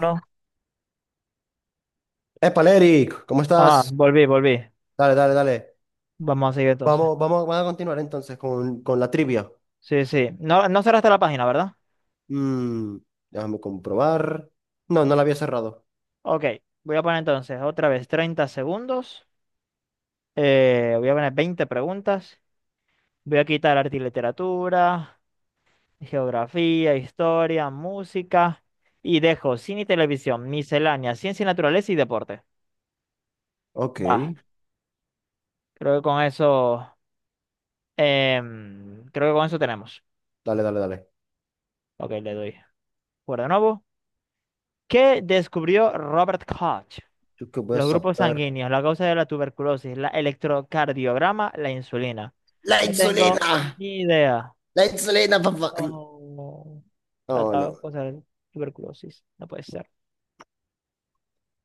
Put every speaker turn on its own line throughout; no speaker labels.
No.
Épale, Eric, ¿cómo
Ajá,
estás?
volví, volví.
Dale, dale, dale.
Vamos a seguir entonces.
Vamos, vamos, vamos a continuar entonces con, la trivia.
Sí, sí. No, no cerraste la página, ¿verdad?
Mm, déjame comprobar. No, no la había cerrado.
Ok, voy a poner entonces otra vez 30 segundos. Voy a poner 20 preguntas. Voy a quitar arte y literatura, geografía, historia, música. Y dejo cine y televisión, miscelánea, ciencia y naturaleza y deporte.
Ok,
Va, creo que con eso, creo que con eso tenemos.
dale, dale, dale.
Ok, le doy. Por de nuevo. ¿Qué descubrió Robert Koch?
¿Yo qué voy a
Los grupos
saber?
sanguíneos, la causa de la tuberculosis, la electrocardiograma, la insulina.
La
No tengo
insulina,
ni idea.
la insulina, papá.
No. La
No,
ta-
no.
causa de la tuberculosis. No puede ser.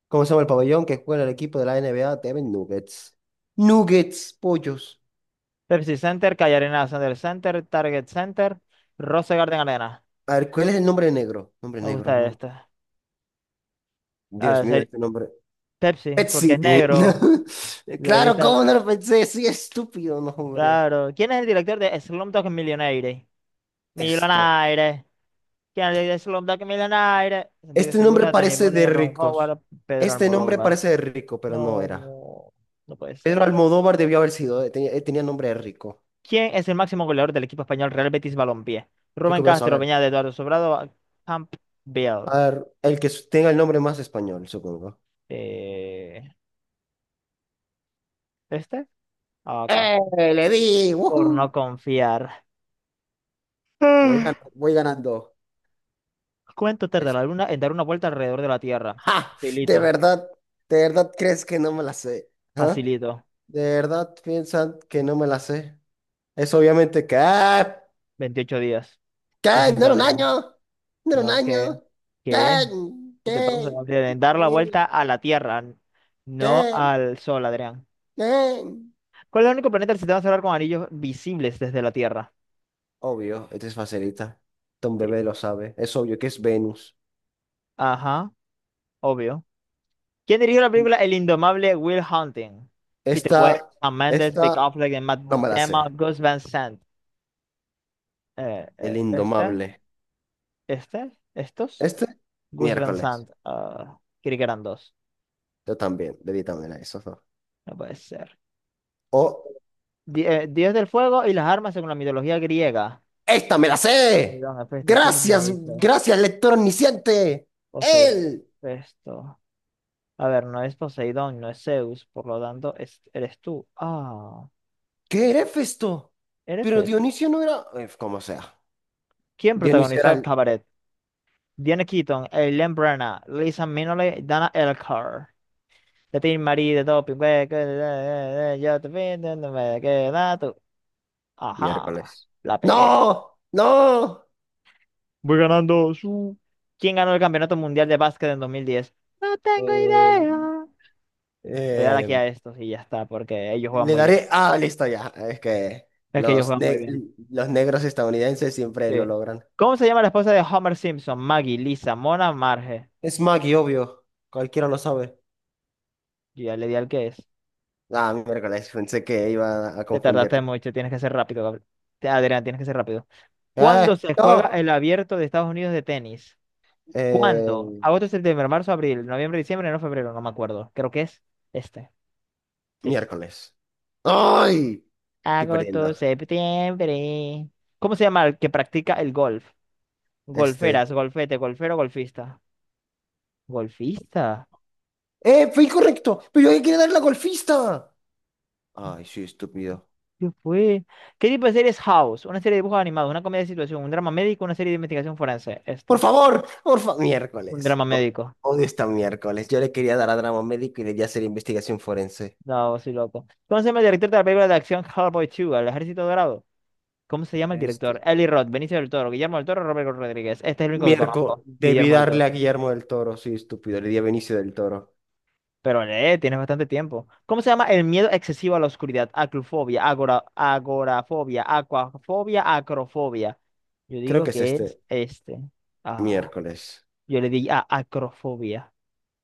¿Cómo se llama el pabellón que juega el equipo de la NBA? Devin Nuggets. Nuggets, pollos.
Pepsi Center, Calle Arena, Sander Center, Target Center, Rose Garden Arena.
A ver, ¿cuál es el nombre negro? Nombre
Me
negro,
gusta
no.
esta. A
Dios
ver,
mío, este nombre.
Pepsi, porque es
Pepsi. No.
negro. De
Claro,
vista.
¿cómo no lo pensé? Sí, estúpido, no, hombre.
Claro. ¿Quién es el director de Slumdog Millionaire?
Esto.
Millionaire. Kennedy Slumdog Millionaire, Santiago
Este nombre
Segura, Danny
parece de
Boyle, Ron
ricos.
Howard, Pedro
Este nombre
Almodóvar.
parece de rico, pero no era.
No, no puede
Pedro
ser.
Almodóvar debió haber sido. Tenía, tenía nombre de rico.
¿Quién es el máximo goleador del equipo español Real Betis Balompié?
Yo qué
Rubén
voy a
Castro,
saber.
Beñat, Eduardo Sobrado, Campbell.
A ver, el que tenga el nombre más español, supongo.
Eh, ¿Este? Ah, Castro.
¡Eh! Le di.
Por
¡Woohoo!
no confiar. Ah.
Voy ganando.
¿Cuánto tarda
Es-
la luna en dar una vuelta alrededor de la Tierra?
¡Ja! De
Facilito,
verdad, de verdad crees que no me la sé. ¿Ah?
facilito.
De verdad piensan que no me la sé. Es obviamente que. ¡Ah!
28 días.
¿Qué?
Lo
¿No
siento,
era un
Adrián.
año? ¿No era un
No, ¿qué?
año? ¿Qué?
¿Qué? ¿Qué te pasa,
¿Qué?
Gabriel? Dar la
¿Qué?
vuelta a la Tierra, no
¿Qué?
al Sol, Adrián.
¿Qué?
¿Cuál es el único planeta del sistema solar con anillos visibles desde la Tierra?
Obvio, esta es facilita. Don
Sí.
Bebé lo sabe. Es obvio que es Venus.
Ajá, obvio. ¿Quién dirigió la película El indomable Will Hunting? Peter Weir,
Esta,
Sam Mendes, Big
esta,
Affleck, y Matt
no me la sé.
Damon, Gus Van Sant.
El
¿Este?
indomable.
¿Este? ¿Estos?
Este,
Gus Van
miércoles.
Sant. Creí que eran dos.
Yo también, de vitamina eso. ¿No?
No puede ser.
O,
Dios del fuego y las armas según la mitología griega.
esta me la sé.
Poseidón, Hefesto, eso es
Gracias,
Dioniso.
gracias, lector omnisciente.
Poseidón,
Él.
Hefesto. A ver, no es Poseidón, no es Zeus, por lo tanto, eres tú. Ah,
¿Qué era Festo?
eres
Pero
Hefesto.
Dionisio no era... Como sea.
¿Quién
Dionisio
protagonizó
era
el
el
cabaret? Diane Keaton, Eileen Brenna, Lisa Minnelli, Dana Elcar. De ti, Marie, de Doping, güey, yo te pido, no me queda tú. Ajá,
miércoles.
la pegué.
¡No! ¡No!
Voy ganando su. ¿Quién ganó el Campeonato Mundial de Básquet en 2010? No tengo
Eh,
idea. Le voy a dar aquí
eh,
a estos y ya está, porque ellos juegan
le
muy bien.
daré. Ah, listo ya. Es que
Es que ellos
los,
juegan muy
ne-
bien.
los negros estadounidenses siempre
Sí.
lo logran.
¿Cómo se llama la esposa de Homer Simpson? Maggie, Lisa, Mona, Marge.
Es Maggie, obvio. Cualquiera lo sabe.
Yo ya le di al que es.
Ah, miércoles. Pensé que iba a
Te tardaste
confundirlo.
mucho, tienes que ser rápido, Gabriel. Adrián, tienes que ser rápido. ¿Cuándo
¡Eh!
se juega
¡No!
el abierto de Estados Unidos de tenis? ¿Cuándo?
Eh,
Agosto, septiembre, marzo, abril, noviembre, diciembre, no febrero, no me acuerdo. Creo que es este. Sí.
miércoles. ¡Ay! Estoy
Agosto,
perdiendo.
septiembre. ¿Cómo se llama el que practica el golf?
Este.
Golferas, golfete, golfero, golfista. Golfista.
¡Eh! Fue incorrecto. Pero yo quería dar la golfista. Ay, sí, estúpido.
¿Qué fue? ¿Qué tipo de serie es House? Una serie de dibujos animados, una comedia de situación, un drama médico, una serie de investigación forense.
Por
Esto,
favor, por favor.
un
Miércoles.
drama médico.
Odio esta miércoles. Yo le quería dar a drama médico y debía hacer investigación forense.
No, soy loco. ¿Cómo se llama el director de la película de acción Hellboy 2, El Ejército Dorado? ¿Cómo se llama el director?
Este.
Eli Roth, Benicio del Toro, Guillermo del Toro, Robert Rodríguez. Este es el único que
Miércoles.
conozco,
Debí
Guillermo del
darle
Toro.
a Guillermo del Toro. Soy estúpido. Le di a Benicio del Toro.
Pero lee, tienes bastante tiempo. ¿Cómo se llama el miedo excesivo a la oscuridad? Aclufobia, agora, agorafobia, acuafobia, acrofobia. Yo
Creo
digo
que es
que es
este.
este. Ah,
Miércoles.
yo le di a acrofobia.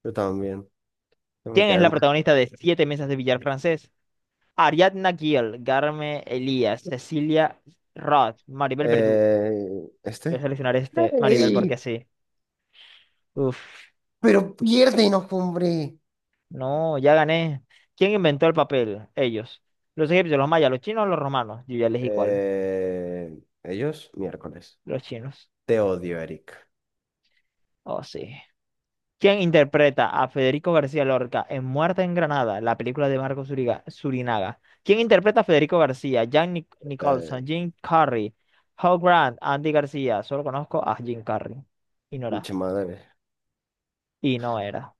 Yo también. No me
¿Quién es
quedar
la
mal.
protagonista de Siete Mesas de Billar Francés? Ariadna Gill, Garme Elías, Cecilia Roth, Maribel Verdú. Voy a
¿Este?
seleccionar este, Maribel, porque
¡Ey!
así. Uf,
Pero piérdenos, hombre.
no, ya gané. ¿Quién inventó el papel? Ellos. Los egipcios, los mayas, los chinos, los romanos. Yo ya elegí cuál.
¿Ellos? Miércoles.
Los chinos.
Te odio, Eric.
Oh, sí. ¿Quién interpreta a Federico García Lorca en Muerte en Granada, la película de Marco Surinaga? ¿Quién interpreta a Federico García? Jack Nicholson,
Eh,
Jim Carrey, Hugh Grant, Andy García. Solo conozco a Jim Carrey. Y no era.
pinche madre.
Y no era.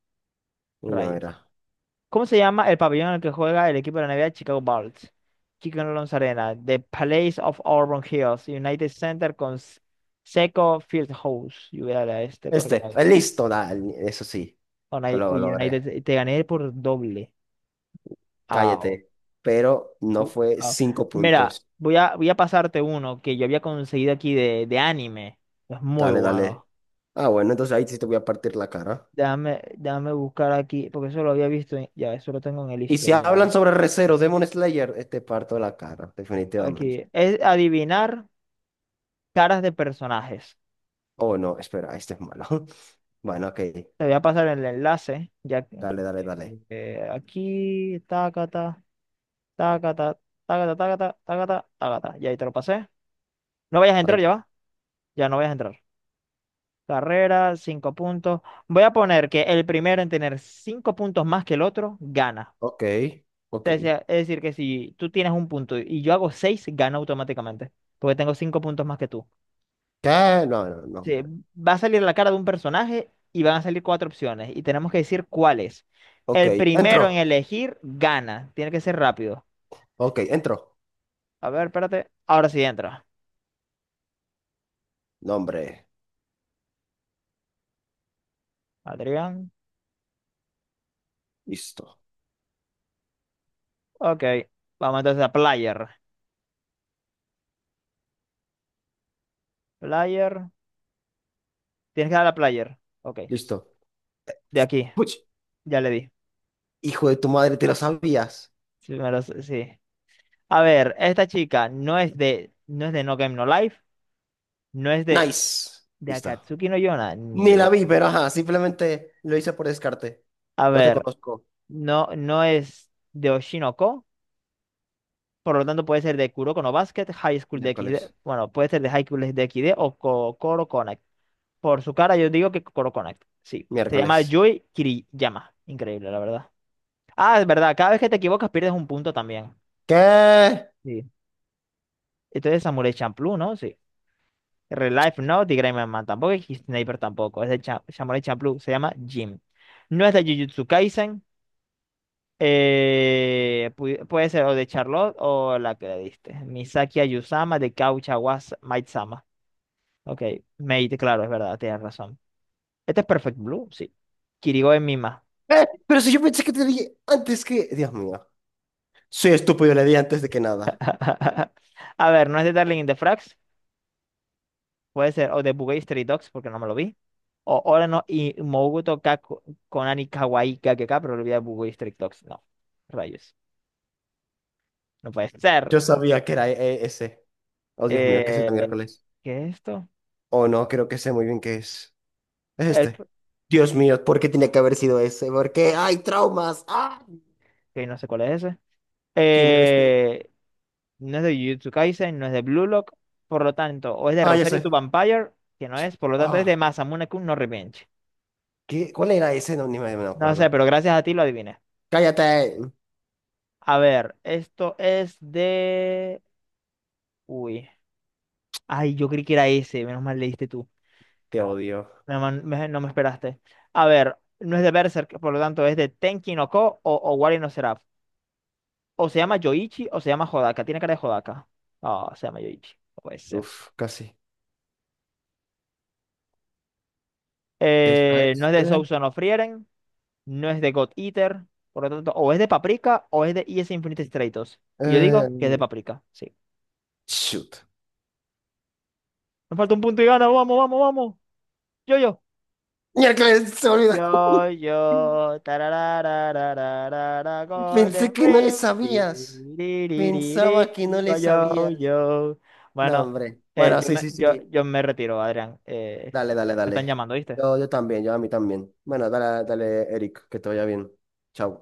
Y no
Rayos.
era.
¿Cómo se llama el pabellón en el que juega el equipo de la NBA Chicago Bulls? Chicago Alonso Arena, The Palace of Auburn Hills, United Center con Seco Fieldhouse. Yo voy a darle a este porque
Este,
me...
listo, da, eso sí, que
United,
lo logré.
United te gané por doble. Ah,
Cállate. Pero no
Uh,
fue
ah,
cinco
Mira,
puntos.
voy a pasarte uno que yo había conseguido aquí de anime. Es muy
Dale, dale.
bueno.
Ah, bueno, entonces ahí sí te voy a partir la cara.
Déjame, déjame buscar aquí, porque eso lo había visto. Ya, eso lo tengo en el
Y si hablan
historial.
sobre Re:Zero, Demon Slayer, te parto la cara, definitivamente.
Aquí. Es adivinar caras de personajes.
Oh, no, espera, este es malo. Bueno, ok.
Te voy a pasar el enlace. Ya, que,
Dale, dale, dale.
aquí, tacata, tacata, tacata, tacata, tacata, tacata. Ya ahí te lo pasé. No vayas a entrar,
Ay,
ya va. Ya no vayas a entrar. Carrera, cinco puntos. Voy a poner que el primero en tener cinco puntos más que el otro gana.
ok, ok.
Es decir, que si tú tienes un punto y yo hago seis, gana automáticamente. Porque tengo cinco puntos más que tú.
¿Qué? No, no, no,
Sí,
hombre.
va a salir la cara de un personaje y van a salir cuatro opciones. Y tenemos que decir cuáles.
Ok,
El
entro.
primero en elegir gana. Tiene que ser rápido.
Ok, entro.
A ver, espérate. Ahora sí entra.
No, hombre.
Adrián.
Listo,
Ok. Vamos entonces a player. Player. Tienes que dar a player. Ok.
listo.
De aquí.
Puch,
Ya le di.
hijo de tu madre, ¿te lo sabías?
Sí, me lo sé, sí. A ver, esta chica no es de No Game No Life, no es de,
Nice.
de
Listo.
Akatsuki no Yona, ni
Ni la
de.
vi, pero ajá, simplemente lo hice por descarte.
A
No te
ver,
conozco.
no, no es de Oshinoko, por lo tanto puede ser de Kuroko no Basket, High School de X XD,
Miércoles.
bueno, puede ser de High School de X XD o Kokoro Connect. Por su cara yo digo que Kokoro Connect, sí. Se llama
Miércoles.
Yui Kiriyama, increíble, la verdad. Ah, es verdad, cada vez que te equivocas pierdes un punto también.
¿Qué?
Sí. Entonces Samurai Champloo, ¿no? Sí. Real Life no, Tigray Man tampoco y Sniper tampoco. Es de Samurai Champloo, se llama Jim. No es de Jujutsu Kaisen. Puede ser o de Charlotte o la que le diste. Misaki Ayusama de Kaucha wa Maid-sama. Ok, Maid, claro, es verdad, tienes razón. Este es Perfect Blue, sí. Kirigo es Mima.
Pero si yo pensé que te dije antes que... Dios mío. Soy estúpido, le di antes de que nada.
A ver, no es de Darling in the Franxx. Puede ser, o Debuggy Street Dogs, porque no me lo vi. O ahora no y Moguto ka Konani Kawaii KKK, pero lo vi a Debuggy Street Dogs. No, rayos. No puede ser.
Yo sabía que era e- ese. Oh, Dios mío, ¿qué es este
Eh,
miércoles?
¿Qué es esto?
Oh, no, creo que sé muy bien qué es. Es
El,
este. Dios mío, ¿por qué tenía que haber sido ese? Porque hay traumas. ¡Ah!
que no sé cuál es ese.
¿Quién eres tú?
Eh, no es de Jujutsu Kaisen, no es de Blue Lock, por lo tanto, o es de
Ah, ya
Rosario to
sé.
Vampire, que no es, por lo tanto es
Ah,
de Masamune-kun no Revenge.
¿qué? ¿Cuál era ese? No me
No sé,
acuerdo.
pero gracias a ti lo adiviné.
Cállate.
A ver, esto es de... Uy. Ay, yo creí que era ese, menos mal leíste tú.
Te odio.
No me esperaste. A ver, no es de Berserk, por lo tanto es de Tenki no Ko o Wari no Seraph. O se llama Yoichi o se llama Hodaka. Tiene cara de Hodaka. Ah, se llama Yoichi. No puede ser.
Uf, casi. Esta
No
es
es de
de...
Soul Son of Frieren. No es de God Eater. Por lo tanto, o es de Paprika o es de ES Infinite Stratos. Y yo digo
eh,
que es de Paprika. Sí.
shoot.
Me falta un punto y gana. Vamos, vamos, vamos. Yo, yo.
Miércoles, se me olvidó.
Yo, tararararararara, Golden
Pensé que no le
Rim,
sabías.
tiriririri,
Pensaba que no
digo
le
yo,
sabías.
yo.
No,
Bueno,
hombre. Bueno,
yo
sí,
me,
sí,
yo,
sí.
yo me retiro, Adrián.
Dale,
Me
dale,
están
dale.
llamando, ¿viste?
Yo también, yo a mí también. Bueno, dale, dale, Eric, que te vaya bien. Chao.